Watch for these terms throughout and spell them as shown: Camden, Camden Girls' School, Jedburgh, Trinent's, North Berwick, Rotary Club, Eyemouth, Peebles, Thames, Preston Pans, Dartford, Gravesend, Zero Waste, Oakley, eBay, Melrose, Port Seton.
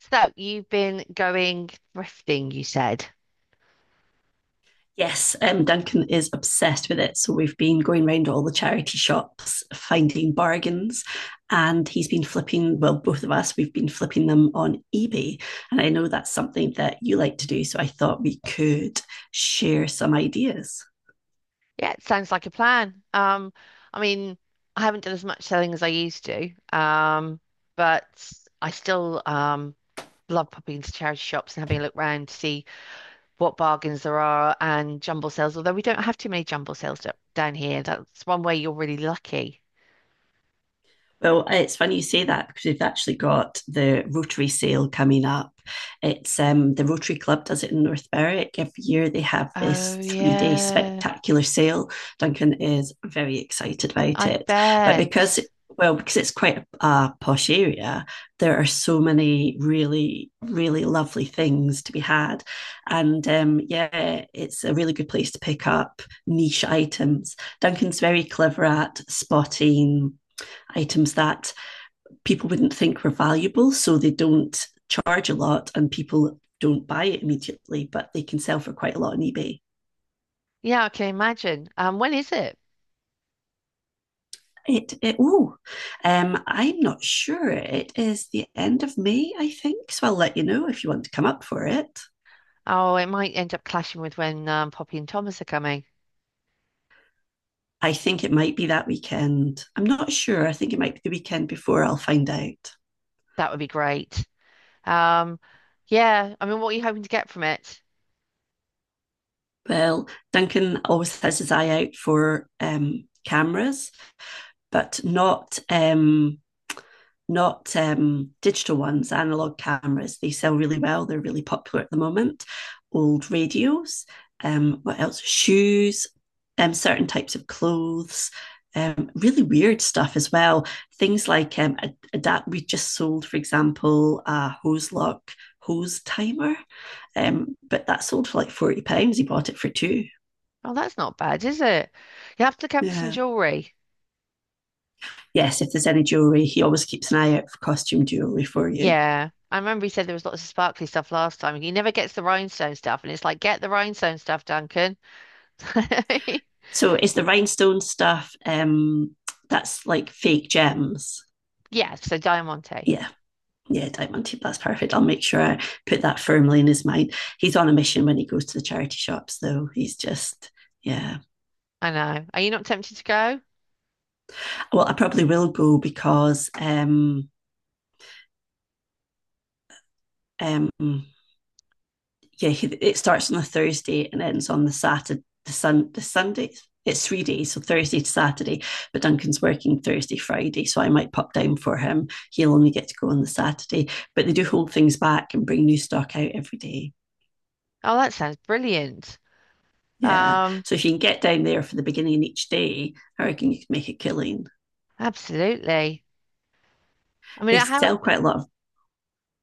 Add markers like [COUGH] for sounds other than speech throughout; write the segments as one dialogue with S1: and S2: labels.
S1: So you've been going thrifting, you said.
S2: Yes, Duncan is obsessed with it. So we've been going round all the charity shops, finding bargains, and he's been flipping, well, both of us, we've been flipping them on eBay. And I know that's something that you like to do. So I thought we could share some ideas.
S1: Yeah, it sounds like a plan. I mean, I haven't done as much selling as I used to, um, but I still love popping into charity shops and having a look round to see what bargains there are and jumble sales, although we don't have too many jumble sales down here. That's one way you're really lucky.
S2: Well, it's funny you say that because we've actually got the Rotary sale coming up. It's the Rotary Club does it in North Berwick. Every year they have
S1: Oh,
S2: this 3 day
S1: yeah.
S2: spectacular sale. Duncan is very excited about
S1: I
S2: it. But because
S1: bet.
S2: well, because it's quite a posh area, there are so many really, really lovely things to be had. And yeah, it's a really good place to pick up niche items. Duncan's very clever at spotting items that people wouldn't think were valuable, so they don't charge a lot and people don't buy it immediately, but they can sell for quite a lot on eBay.
S1: Yeah, I can imagine. When is it?
S2: It oh, I'm not sure. It is the end of May, I think. So I'll let you know if you want to come up for it.
S1: Oh, it might end up clashing with when Poppy and Thomas are coming.
S2: I think it might be that weekend. I'm not sure. I think it might be the weekend before. I'll find out.
S1: That would be great. Um, yeah, what are you hoping to get from it?
S2: Well, Duncan always has his eye out for cameras, but not not digital ones, analog cameras. They sell really well. They're really popular at the moment. Old radios. What else? Shoes. Certain types of clothes. Really weird stuff as well. Things like adapt. We just sold, for example, a hose lock hose timer, but that sold for like £40. He bought it for two.
S1: Oh, that's not bad, is it? You have to look out for some
S2: Yeah.
S1: jewelry.
S2: Yes. If there's any jewelry, he always keeps an eye out for costume jewelry for you.
S1: Yeah. I remember he said there was lots of sparkly stuff last time. He never gets the rhinestone stuff, and it's like, get the rhinestone stuff, Duncan. [LAUGHS]
S2: So it's the rhinestone stuff that's like fake gems?
S1: Yes, so Diamante.
S2: Yeah. Yeah, diamond tip. That's perfect. I'll make sure I put that firmly in his mind. He's on a mission when he goes to the charity shops, though. He's just, yeah.
S1: I know. Are you not tempted to go?
S2: Well, I probably will go because um, yeah, it starts on the Thursday and ends on the Saturday, the Sun, the Sunday. It's 3 days, so Thursday to Saturday. But Duncan's working Thursday, Friday, so I might pop down for him. He'll only get to go on the Saturday. But they do hold things back and bring new stock out every day.
S1: Oh, that sounds brilliant.
S2: Yeah.
S1: Um,
S2: So if you can get down there for the beginning of each day, I reckon you could make a killing.
S1: absolutely. I mean,
S2: They
S1: how,
S2: sell quite a lot of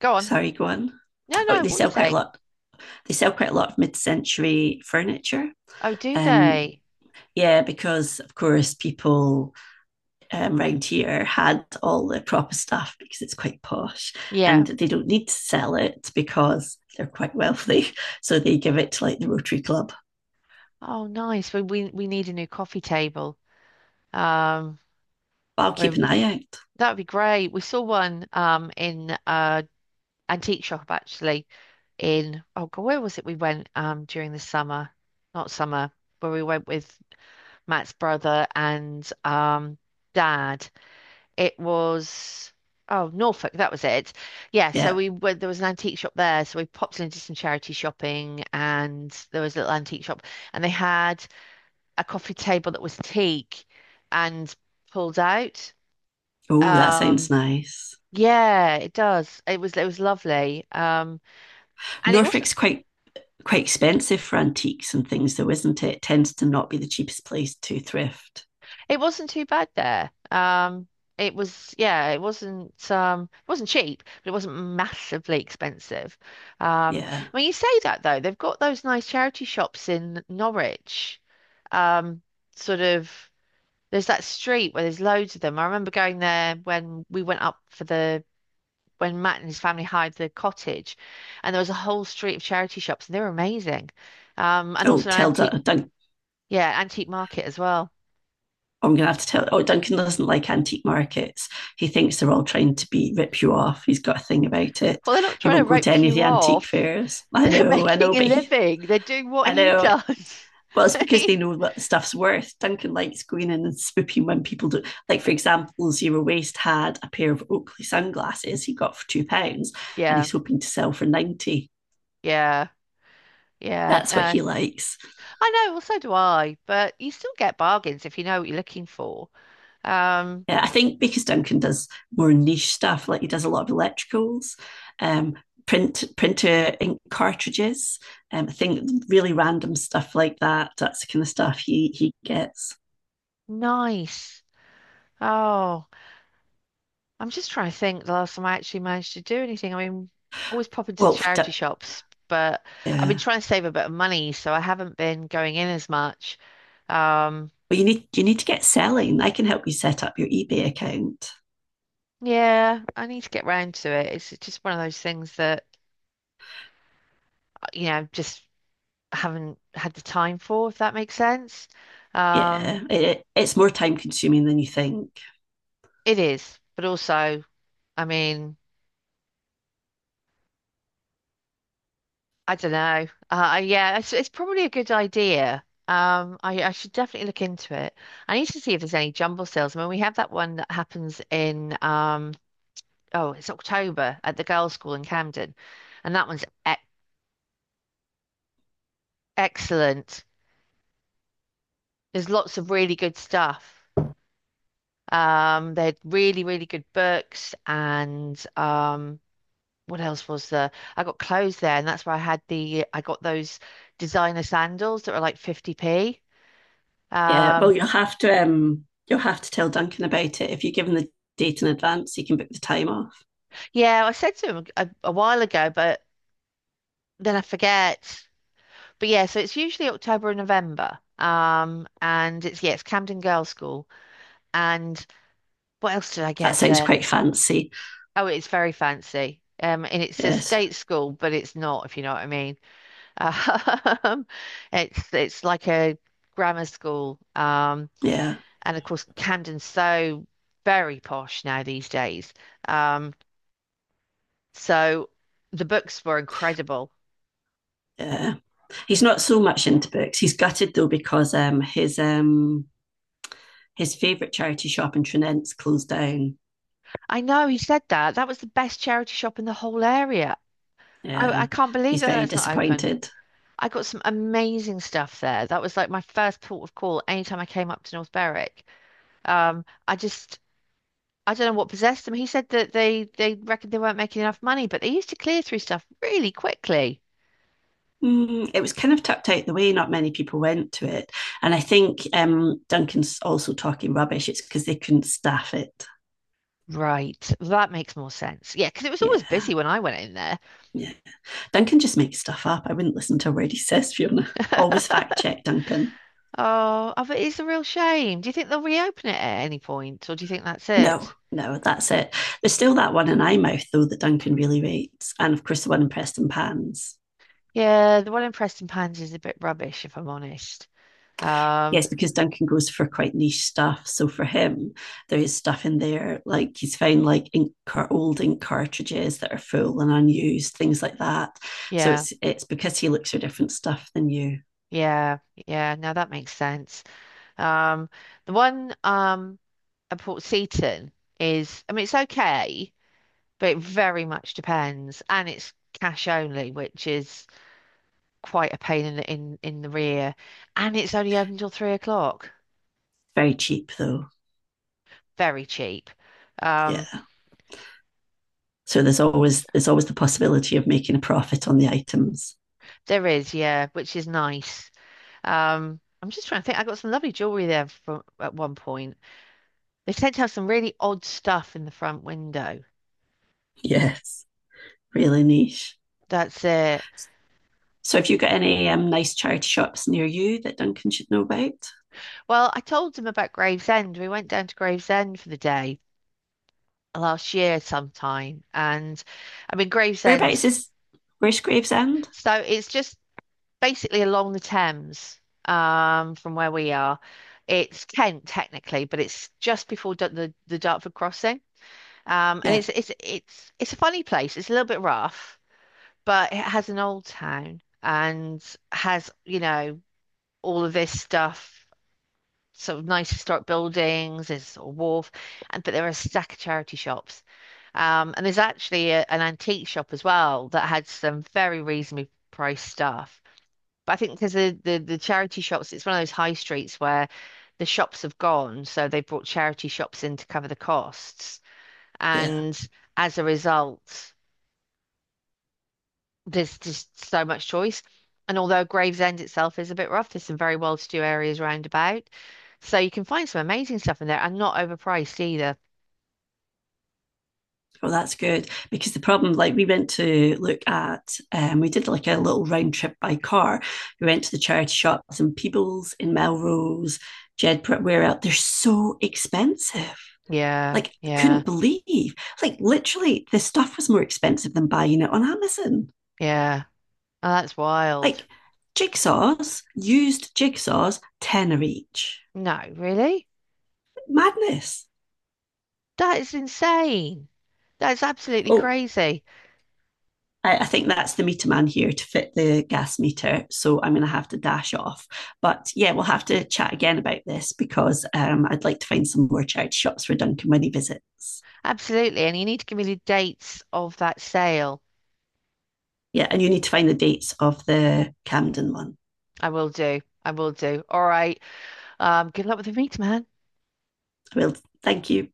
S1: go on.
S2: sorry, go on.
S1: No,
S2: Oh,
S1: no,
S2: they
S1: what are you
S2: sell quite a
S1: saying?
S2: lot. They sell quite a lot of mid-century furniture.
S1: Oh, do
S2: Um,
S1: they?
S2: yeah, because of course people round here had all the proper stuff because it's quite posh and
S1: Yeah.
S2: they don't need to sell it because they're quite wealthy. [LAUGHS] So they give it to like the Rotary Club.
S1: Oh, nice. We need a new coffee table. Um,
S2: But I'll keep
S1: we
S2: an eye out.
S1: that'd be great. We saw one in antique shop actually in oh God, where was it we went during the summer? Not summer, where we went with Matt's brother and dad. It was oh Norfolk, that was it. Yeah, so
S2: Yeah.
S1: we were there was an antique shop there, so we popped into some charity shopping and there was a little antique shop and they had a coffee table that was teak and pulled out.
S2: Oh, that sounds
S1: Um
S2: nice.
S1: yeah, it does. It was lovely. And it was.
S2: Norfolk's quite expensive for antiques and things, though, isn't it? It tends to not be the cheapest place to thrift.
S1: It wasn't too bad there. It was, yeah, it wasn't cheap, but it wasn't massively expensive. Um,
S2: Yeah.
S1: when you say that though, they've got those nice charity shops in Norwich. Um, sort of, there's that street where there's loads of them. I remember going there when we went up for the, when Matt and his family hired the cottage, and there was a whole street of charity shops, and they were amazing. And
S2: Oh,
S1: also an
S2: tell
S1: antique,
S2: Doug
S1: yeah, antique market as well.
S2: I'm going to have to tell. Oh, Duncan doesn't like antique markets. He thinks they're all trying to be rip you off. He's got a thing about it.
S1: Well, they're not
S2: He
S1: trying to
S2: won't go to
S1: rip
S2: any of
S1: you
S2: the antique
S1: off.
S2: fairs.
S1: [LAUGHS] They're
S2: I
S1: making
S2: know,
S1: a
S2: but he,
S1: living. They're doing what
S2: I
S1: he
S2: know.
S1: does.
S2: Well,
S1: [LAUGHS]
S2: it's
S1: I
S2: because
S1: mean,
S2: they know what the stuff's worth. Duncan likes going in and swooping when people do. Like, for example, Zero Waste had a pair of Oakley sunglasses he got for £2, and
S1: yeah,
S2: he's hoping to sell for 90.
S1: yeah, yeah.
S2: That's what
S1: No,
S2: he likes.
S1: I know. Well, so do I. But you still get bargains if you know what you're looking for. Um,
S2: Yeah, I think because Duncan does more niche stuff, like he does a lot of electricals, um, printer ink cartridges, I think really random stuff like that. That's the kind of stuff he gets.
S1: nice. Oh, I'm just trying to think the last time I actually managed to do anything. Always pop into
S2: Well,
S1: charity shops, but I've been
S2: yeah.
S1: trying to save a bit of money, so I haven't been going in as much. Um,
S2: Well, you need to get selling. I can help you set up your eBay account.
S1: yeah, I need to get round to it. It's just one of those things that, you know, just. Haven't had the time for, if that makes sense. Um,
S2: Yeah, it's more time consuming than you think.
S1: it is, but also, I mean, I don't know. Yeah, it's probably a good idea. I should definitely look into it. I need to see if there's any jumble sales. I mean, we have that one that happens oh, it's October at the girls' school in Camden, and that one's e excellent. There's lots of really good stuff. They're really, really good books and what else was there? I got clothes there, and that's where I had the I got those designer sandals that were like 50p.
S2: Yeah, well,
S1: Um,
S2: you'll have to tell Duncan about it. If you give him the date in advance, he can book the time off.
S1: yeah, I said to him a while ago, but then I forget. But yeah, so it's usually October and November. And it's yeah, it's Camden Girls' School. And what else did I
S2: That
S1: get
S2: sounds
S1: there?
S2: quite fancy.
S1: Oh, it's very fancy. And it's a
S2: Yes,
S1: state school, but it's not, if you know what I mean. [LAUGHS] Um, it's like a grammar school.
S2: yeah,
S1: And of course, Camden's so very posh now these days. Um, so the books were incredible.
S2: yeah. He's not so much into books. He's gutted though because his favourite charity shop in Trinent's closed down.
S1: I know he said that. That was the best charity shop in the whole area. I
S2: Yeah,
S1: can't believe
S2: he's very
S1: that's not open.
S2: disappointed.
S1: I got some amazing stuff there. That was like my first port of call anytime I came up to North Berwick. Um, I just I don't know what possessed them. He said that they reckoned they weren't making enough money, but they used to clear through stuff really quickly.
S2: Mm, it was kind of tucked out the way. Not many people went to it, and I think Duncan's also talking rubbish. It's because they couldn't staff it.
S1: Right, that makes more sense. Yeah, because it was
S2: Yeah,
S1: always busy when I went in there.
S2: yeah. Duncan just makes stuff up. I wouldn't listen to a word he says, Fiona. Always
S1: [LAUGHS]
S2: fact check, Duncan.
S1: Oh, I bet it's a real shame. Do you think they'll reopen it at any point, or do you think that's
S2: No,
S1: it?
S2: no, that's it. There's still that one in Eyemouth though that Duncan really rates, and of course the one in Preston Pans.
S1: Yeah, the one in Preston Pans is a bit rubbish, if I'm honest. Um,
S2: Yes, because Duncan goes for quite niche stuff. So for him, there is stuff in there like he's found like ink old ink cartridges that are full and unused, things like that. So
S1: yeah,
S2: it's because he looks for different stuff than you.
S1: yeah, yeah. Now that makes sense. Um, the one at Port Seton is, I mean, it's okay, but it very much depends, and it's cash only, which is quite a pain in the rear, and it's only open till 3 o'clock.
S2: Very cheap though.
S1: Very cheap. Um,
S2: Yeah. So there's always the possibility of making a profit on the items.
S1: There is, yeah, which is nice. I'm just trying to think. I got some lovely jewelry there from at one point. They tend to have some really odd stuff in the front window.
S2: Yes, really niche.
S1: That's it.
S2: So have you got any nice charity shops near you that Duncan should know about?
S1: Well, I told them about Gravesend. We went down to Gravesend for the day last year sometime, and I mean
S2: Whereabouts
S1: Gravesend's.
S2: is where's Gravesend?
S1: So it's just basically along the Thames, from where we are. It's Kent technically, but it's just before the Dartford crossing. And
S2: Yeah,
S1: it's a funny place. It's a little bit rough, but it has an old town and has, you know, all of this stuff, sort of nice historic buildings, there's a wharf, and but there are a stack of charity shops. And there's actually an antique shop as well that had some very reasonably priced stuff. But I think because the charity shops, it's one of those high streets where the shops have gone, so they brought charity shops in to cover the costs.
S2: yeah.
S1: And as a result, there's just so much choice. And although Gravesend itself is a bit rough, there's some very well-to-do areas round about. So you can find some amazing stuff in there and not overpriced either.
S2: Well, that's good because the problem, like, we went to look at, we did like a little round trip by car. We went to the charity shops in Peebles, in Melrose, Jedburgh, where out they're so expensive.
S1: Yeah,
S2: Like,
S1: yeah,
S2: couldn't believe, like, literally, the stuff was more expensive than buying it on Amazon.
S1: yeah. Oh, that's wild.
S2: Like, jigsaws, used jigsaws, tenner each.
S1: No, really?
S2: Madness.
S1: That is insane. That's absolutely
S2: Oh,
S1: crazy.
S2: I think that's the meter man here to fit the gas meter. So I'm going to have to dash off. But yeah, we'll have to chat again about this because I'd like to find some more charity shops for Duncan when he visits.
S1: Absolutely. And you need to give me the dates of that sale.
S2: Yeah, and you need to find the dates of the Camden one.
S1: I will do. I will do. All right. Good luck with the meet, man.
S2: Well, thank you.